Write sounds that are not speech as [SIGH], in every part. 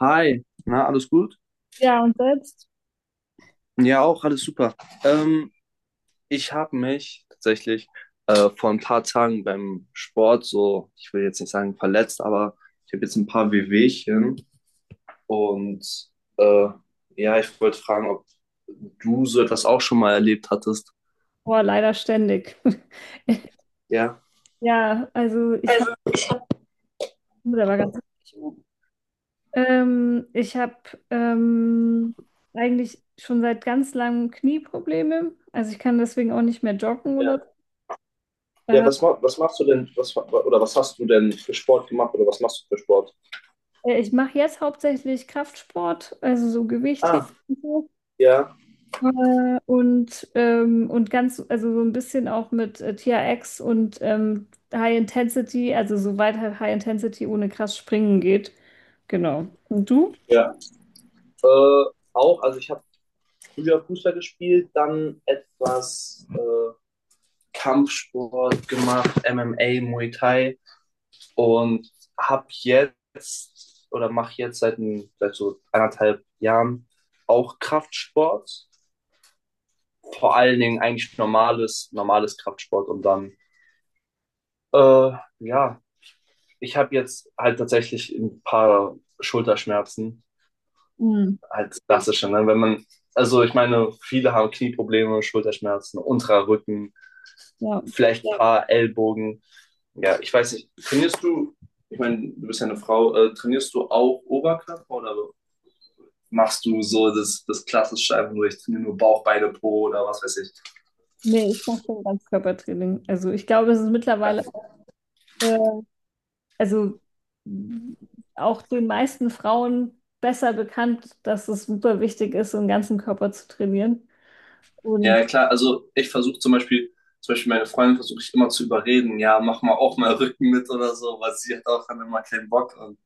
Hi, na, alles gut? Ja, und selbst? Ja, auch, alles super. Ähm, Ich habe mich tatsächlich vor ein paar Tagen beim Sport so, ich will jetzt nicht sagen verletzt, aber ich habe jetzt ein paar Wehwehchen und äh, ja, ich wollte fragen, ob du so etwas auch schon mal erlebt hattest. Boah, leider ständig. [LAUGHS] Ja. Ja, also ich habe, der war ganz ich habe ähm, eigentlich schon seit ganz langem Knieprobleme. Also ich kann deswegen auch nicht mehr joggen Ja, oder so. ja, was, was machst du denn, was, oder was hast du denn für Sport gemacht oder was machst du für Sport? Ich mache jetzt hauptsächlich Kraftsport, also so Gewichtheben. Ah, ja, Und ganz, also so ein bisschen auch mit TRX und High Intensity, also soweit halt High Intensity ohne krass springen geht. Genau. Und du? ja. Äh, Auch, also ich habe früher Fußball gespielt, dann etwas Kampfsport gemacht, MMA, Muay Thai und habe jetzt oder mache jetzt seit, ein, seit so anderthalb Jahren auch Kraftsport. Vor allen Dingen eigentlich normales Kraftsport und dann, äh, ja, ich habe jetzt halt tatsächlich ein paar Schulterschmerzen, Hm. halt klassische, ne? Wenn man, also ich meine, viele haben Knieprobleme, Schulterschmerzen, unterer Rücken, Ja. vielleicht ein paar Ellbogen. Ja, ich weiß nicht, trainierst du, ich meine, du bist ja eine Frau, trainierst du auch Oberkörper oder machst du so das klassische einfach nur, ich trainiere nur Bauch, Beine, Po oder was weiß ich. Nee, ich mache schon Ganzkörpertraining. Also ich glaube, es ist mittlerweile, äh, also mh, auch den meisten Frauen besser bekannt, dass es super wichtig ist, den ganzen Körper zu trainieren. Ja, Und ja klar, also ich versuche zum Beispiel meine Freundin versuche ich immer zu überreden, ja, mach mal auch mal Rücken mit oder so, weil sie hat auch dann immer keinen Bock und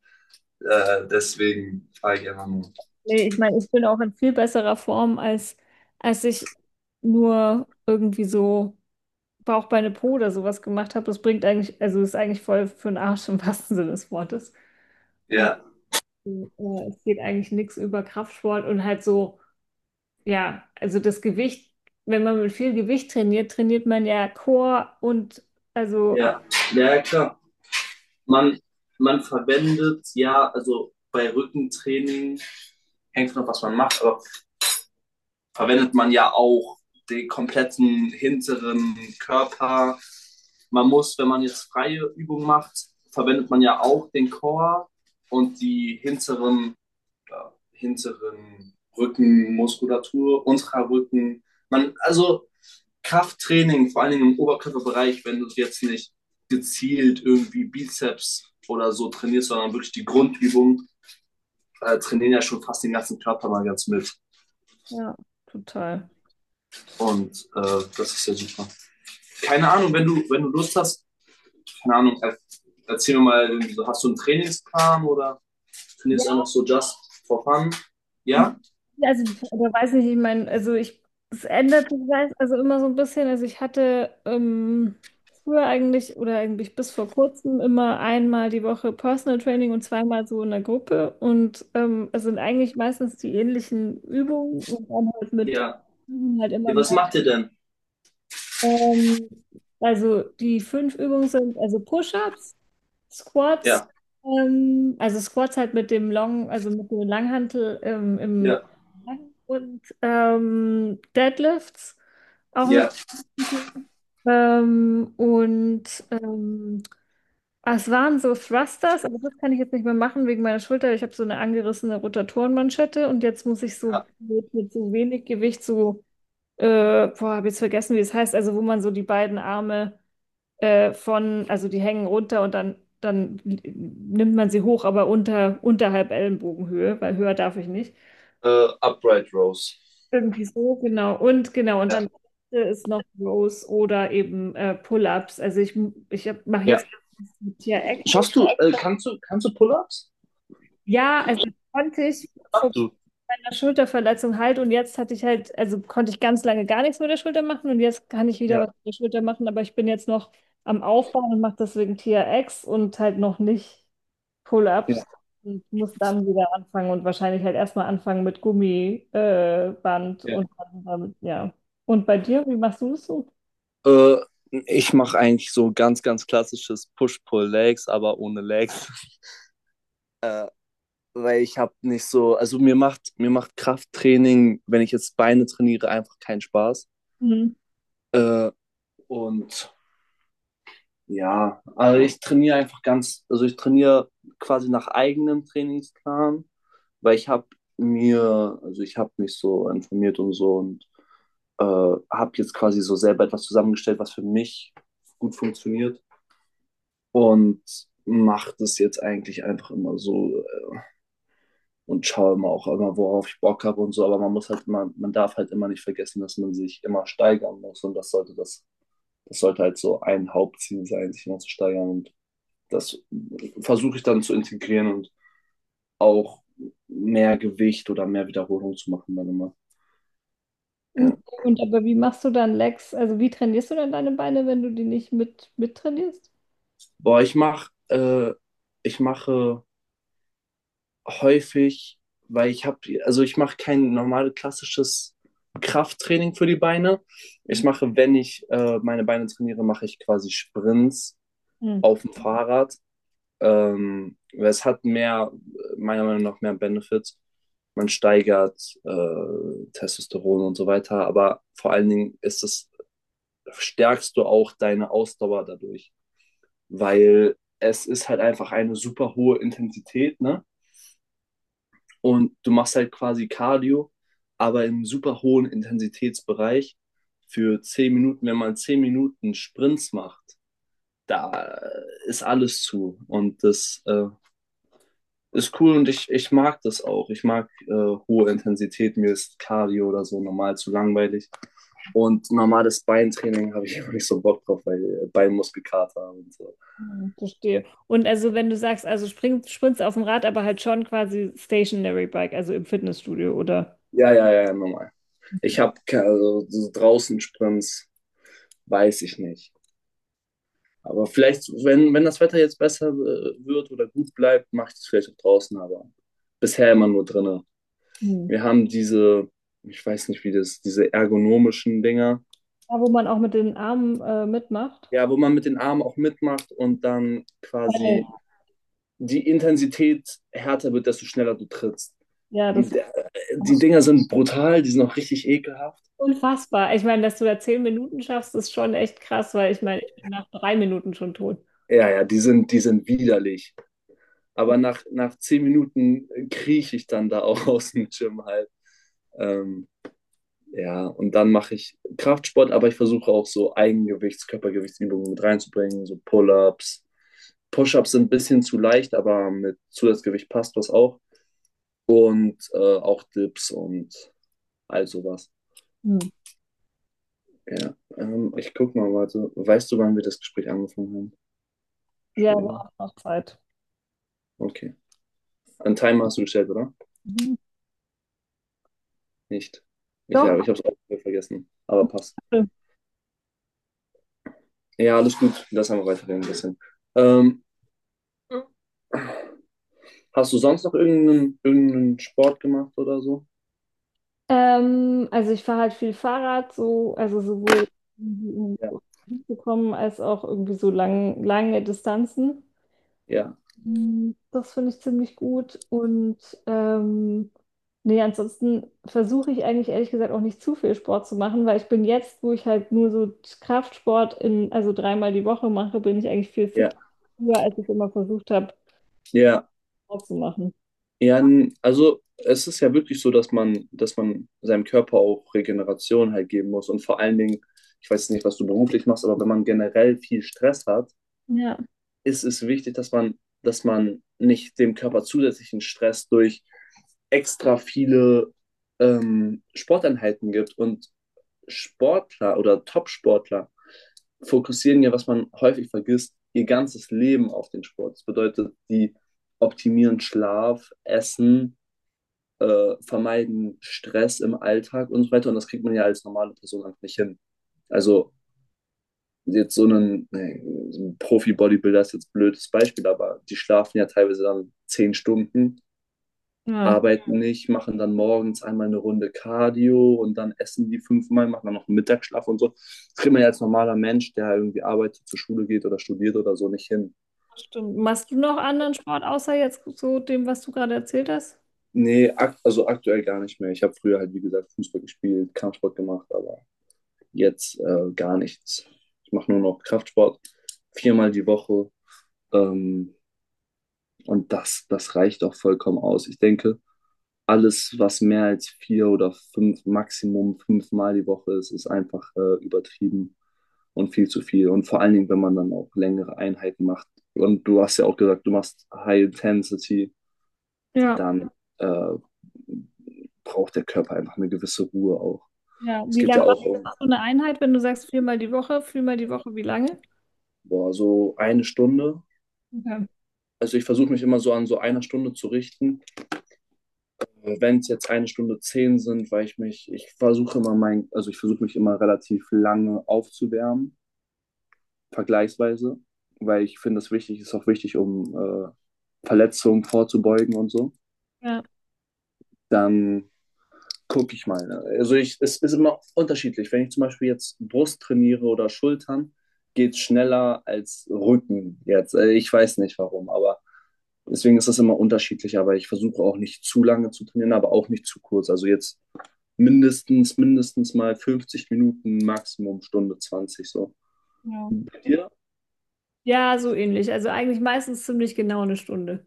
deswegen frage ich einfach nur. nee, ich meine, ich bin auch in viel besserer Form, als ich nur irgendwie so Bauchbeine Po oder sowas gemacht habe. Das bringt eigentlich, also ist eigentlich voll für den Arsch im wahrsten Sinne des Wortes. Ja, Es geht eigentlich nichts über Kraftsport und halt so, ja, also das Gewicht, wenn man mit viel Gewicht trainiert, trainiert man ja Core und also, ja, ja, klar. Man, man verwendet, ja, also bei Rückentraining hängt noch was man macht, aber verwendet man ja auch den kompletten hinteren Körper. Man muss, wenn man jetzt freie Übung macht, verwendet man ja auch den Core und die hinteren, ja, hinteren Rückenmuskulatur, unserer Rücken. Man, also Krafttraining, vor allen Dingen im Oberkörperbereich, wenn du jetzt nicht gezielt irgendwie Bizeps oder so trainierst, sondern wirklich die Grundübung, trainieren ja schon fast den ganzen Körper mal ganz mit. ja, total. Und das ist ja super. Keine Ahnung, wenn du, wenn du Lust hast, keine Ahnung, erzähl mir mal, so, hast du einen Trainingsplan oder trainierst Ja. du einfach so just for fun? Ja? Also, oder weiß nicht, ich meine, also ich, es ändert sich also immer so ein bisschen. Also ich hatte früher eigentlich oder eigentlich bis vor kurzem immer einmal die Woche Personal Training und zweimal so in der Gruppe. Und es sind eigentlich meistens die ähnlichen Übungen und dann halt mit Ja. halt immer Ja. mehr. Was macht ihr denn? Ähm, also die fünf Übungen sind also Push-ups, Squats, Ja. Also Squats halt mit dem Long, also mit dem Langhantel im Ja, und Deadlifts auch mit Äh, [LAUGHS] ähm, und ähm, es waren so Thrusters, aber das kann ich jetzt nicht mehr machen wegen meiner Schulter. Ich habe so eine angerissene Rotatorenmanschette und jetzt muss ich so mit so wenig Gewicht so, boah, habe jetzt vergessen, wie es heißt, also wo man so die beiden Arme also die hängen runter und dann, dann nimmt man sie hoch, aber unter, unterhalb Ellenbogenhöhe, weil höher darf ich nicht. Upright Rows. Irgendwie so, genau. Und genau, und Ja. dann ist noch Rows oder eben Pull-ups. Also ich mache Ja. jetzt mit hier Echo. Schaffst du, kannst du, kannst du Pull-ups? Ja, also das konnte ich vor Kannst Du. meiner Schulterverletzung halt, und jetzt hatte ich halt, also konnte ich ganz lange gar nichts mit der Schulter machen und jetzt kann ich wieder Ja, was mit der Schulter machen, aber ich bin jetzt noch am Aufbauen und mache deswegen TRX und halt noch nicht Pull-ups ja, und muss dann wieder anfangen und wahrscheinlich halt erstmal anfangen mit Gummiband Band Ja. und dann damit, ja. Und bei dir, wie machst du das so? Äh, Ich mache eigentlich so ganz, ganz klassisches Push-Pull-Legs, aber ohne Legs. [LAUGHS] Äh, Weil ich habe nicht so, also mir macht Krafttraining, wenn ich jetzt Beine trainiere, einfach keinen Spaß. Mhm. Äh, und ja, also ich trainiere einfach ganz, also ich trainiere quasi nach eigenem Trainingsplan, weil ich habe mir, also ich habe mich so informiert und so und habe jetzt quasi so selber etwas zusammengestellt, was für mich gut funktioniert und mache das jetzt eigentlich einfach immer so und schaue immer auch immer, worauf ich Bock habe und so. Aber man muss halt immer, man darf halt immer nicht vergessen, dass man sich immer steigern muss. Und das sollte das sollte halt so ein Hauptziel sein, sich immer zu steigern. Und das versuche ich dann zu integrieren und auch mehr Gewicht oder mehr Wiederholung zu machen dann immer. Okay. Ja. Und aber wie machst du dann Legs? Also wie trainierst du dann deine Beine, wenn du die nicht mit mittrainierst? Boah, ich mache häufig, weil ich habe, also ich mache kein normales klassisches Krafttraining für die Beine. Ich mache, wenn ich meine Beine trainiere, mache ich quasi Sprints Mhm. auf dem Fahrrad. Es hat mehr, meiner Meinung nach, mehr Benefits. Man steigert Testosteron und so weiter, aber vor allen Dingen ist es, stärkst du auch deine Ausdauer dadurch, weil es ist halt einfach eine super hohe Intensität, ne? Und du machst halt quasi Cardio, aber im super hohen Intensitätsbereich. Für 10 Minuten, wenn man 10 Minuten Sprints macht, da ist alles zu. Und das ist cool und ich mag das auch. Ich mag hohe Intensität. Mir ist Cardio oder so normal zu langweilig. Und normales Beintraining habe ich [LAUGHS] immer nicht so Bock drauf, weil Beinmuskelkater und so. Mhm, verstehe. Und also wenn du sagst, also springst auf dem Rad, aber halt schon quasi Stationary Bike, also im Fitnessstudio, oder? Ja, ja, ja, normal. Ich habe also, so draußen Sprints, weiß ich nicht. Aber vielleicht, wenn, wenn das Wetter jetzt besser wird oder gut bleibt, mache ich das vielleicht auch draußen, aber bisher immer nur drinnen. Mhm. Wir haben diese, ich weiß nicht wie das, diese ergonomischen Dinger, Da, wo man auch mit den Armen mitmacht. ja, wo man mit den Armen auch mitmacht und dann Weil- quasi die Intensität härter wird, desto schneller du trittst. Ja, das. Die, die Dinger sind brutal, die sind auch richtig ekelhaft. Unfassbar. Ich meine, dass du da 10 Minuten schaffst, ist schon echt krass, weil ich meine, ich bin nach 3 Minuten schon tot. Ja, ja, die sind widerlich. Aber nach, nach 10 Minuten krieche ich dann da auch [LAUGHS] aus dem Gym halt. Ähm, Ja, und dann mache ich Kraftsport, aber ich versuche auch so Eigengewichts-, Körpergewichtsübungen mit reinzubringen, so Pull-ups. Push-ups sind ein bisschen zu leicht, aber mit Zusatzgewicht passt das auch. Und auch Dips und all sowas. Hm. Ja, ich guck mal, warte. Weißt du, wann wir das Gespräch angefangen haben? Ja, Entschuldigung. war auch noch Zeit. Okay. Einen Timer hast du gestellt, oder? Mhm. Nicht. Ich Doch. habe ich es auch vergessen, aber passt. Ja, alles gut. Lass einfach weiterreden ein bisschen. Ähm, Hast du sonst noch irgendeinen Sport gemacht oder so? Also ich fahre halt viel Fahrrad, so, also sowohl um Ja. zu kommen als auch irgendwie so lange Distanzen. Ja, Mm, das finde ich ziemlich gut. Und ähm, nee, ansonsten versuche ich eigentlich ehrlich gesagt auch nicht zu viel Sport zu machen, weil ich bin jetzt, wo ich halt nur so Kraftsport in, also dreimal die Woche mache, bin ich eigentlich viel ja, fitter, früher, als ich immer versucht habe, ja, Sport zu machen. ja. Also es ist ja wirklich so, dass man seinem Körper auch Regeneration halt geben muss. Und vor allen Dingen, ich weiß nicht, was du beruflich machst, aber wenn man generell viel Stress hat, Ja, ist es wichtig, dass man nicht dem Körper zusätzlichen Stress durch extra viele Sporteinheiten gibt. Und Sportler oder Top-Sportler fokussieren ja, was man häufig vergisst, ihr ganzes Leben auf den Sport. Das bedeutet, die optimieren Schlaf, Essen, vermeiden Stress im Alltag und so weiter. Und das kriegt man ja als normale Person einfach nicht hin. Also jetzt so einen, nee, so ein Profi-Bodybuilder ist jetzt ein blödes Beispiel, aber die schlafen ja teilweise dann 10 Stunden, ja, arbeiten nicht, machen dann morgens einmal eine Runde Cardio und dann essen die fünfmal, machen dann noch einen Mittagsschlaf und so. Das kriegt man ja als normaler Mensch, der irgendwie arbeitet, zur Schule geht oder studiert oder so nicht hin. das stimmt. Machst du noch anderen Sport außer jetzt so dem, was du gerade erzählt hast? Nee, ak also aktuell gar nicht mehr. Ich habe früher halt, wie gesagt, Fußball gespielt, Kampfsport gemacht, aber jetzt gar nichts. Ich mache nur noch Kraftsport, viermal die Woche. Ähm, und das, das reicht auch vollkommen aus. Ich denke, alles, was mehr als vier oder fünf, Maximum fünfmal die Woche ist, ist einfach übertrieben und viel zu viel. Und vor allen Dingen, wenn man dann auch längere Einheiten macht. Und du hast ja auch gesagt, du machst High Intensity, Ja. dann äh, braucht der Körper einfach eine gewisse Ruhe auch. Ja, Es wie geht lange ja auch um machst du eine Einheit, wenn du sagst viermal die Woche, wie lange? boah, so eine Stunde. Okay. Also ich versuche mich immer so an so einer Stunde zu richten. Wenn es jetzt eine Stunde zehn sind, weil ich mich, ich versuche immer mein, also ich versuche mich immer relativ lange aufzuwärmen vergleichsweise, weil ich finde, es wichtig ist auch wichtig, um Verletzungen vorzubeugen und so. Ja. Dann gucke ich mal. Ne? Also ich, es ist immer unterschiedlich. Wenn ich zum Beispiel jetzt Brust trainiere oder Schultern, geht es schneller als Rücken jetzt. Also ich weiß nicht warum, aber deswegen ist das immer unterschiedlich. Aber ich versuche auch nicht zu lange zu trainieren, aber auch nicht zu kurz. Also jetzt mindestens mal 50 Minuten, Maximum Stunde 20 so. Ja. Bei Ja, so ähnlich. Also eigentlich meistens ziemlich genau eine Stunde.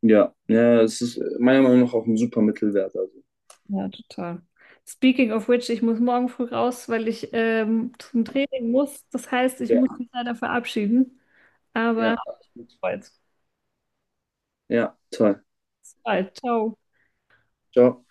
Ja, ja, es ist meiner Meinung nach auch ein super Mittelwert. Also, Ja, total. Speaking of which, ich muss morgen früh raus, weil ich zum Training muss. Das heißt, ich ja, muss mich leider verabschieden. Aber ja, absolut. bis bald. Ja, toll. Bis bald. Ciao. Ciao.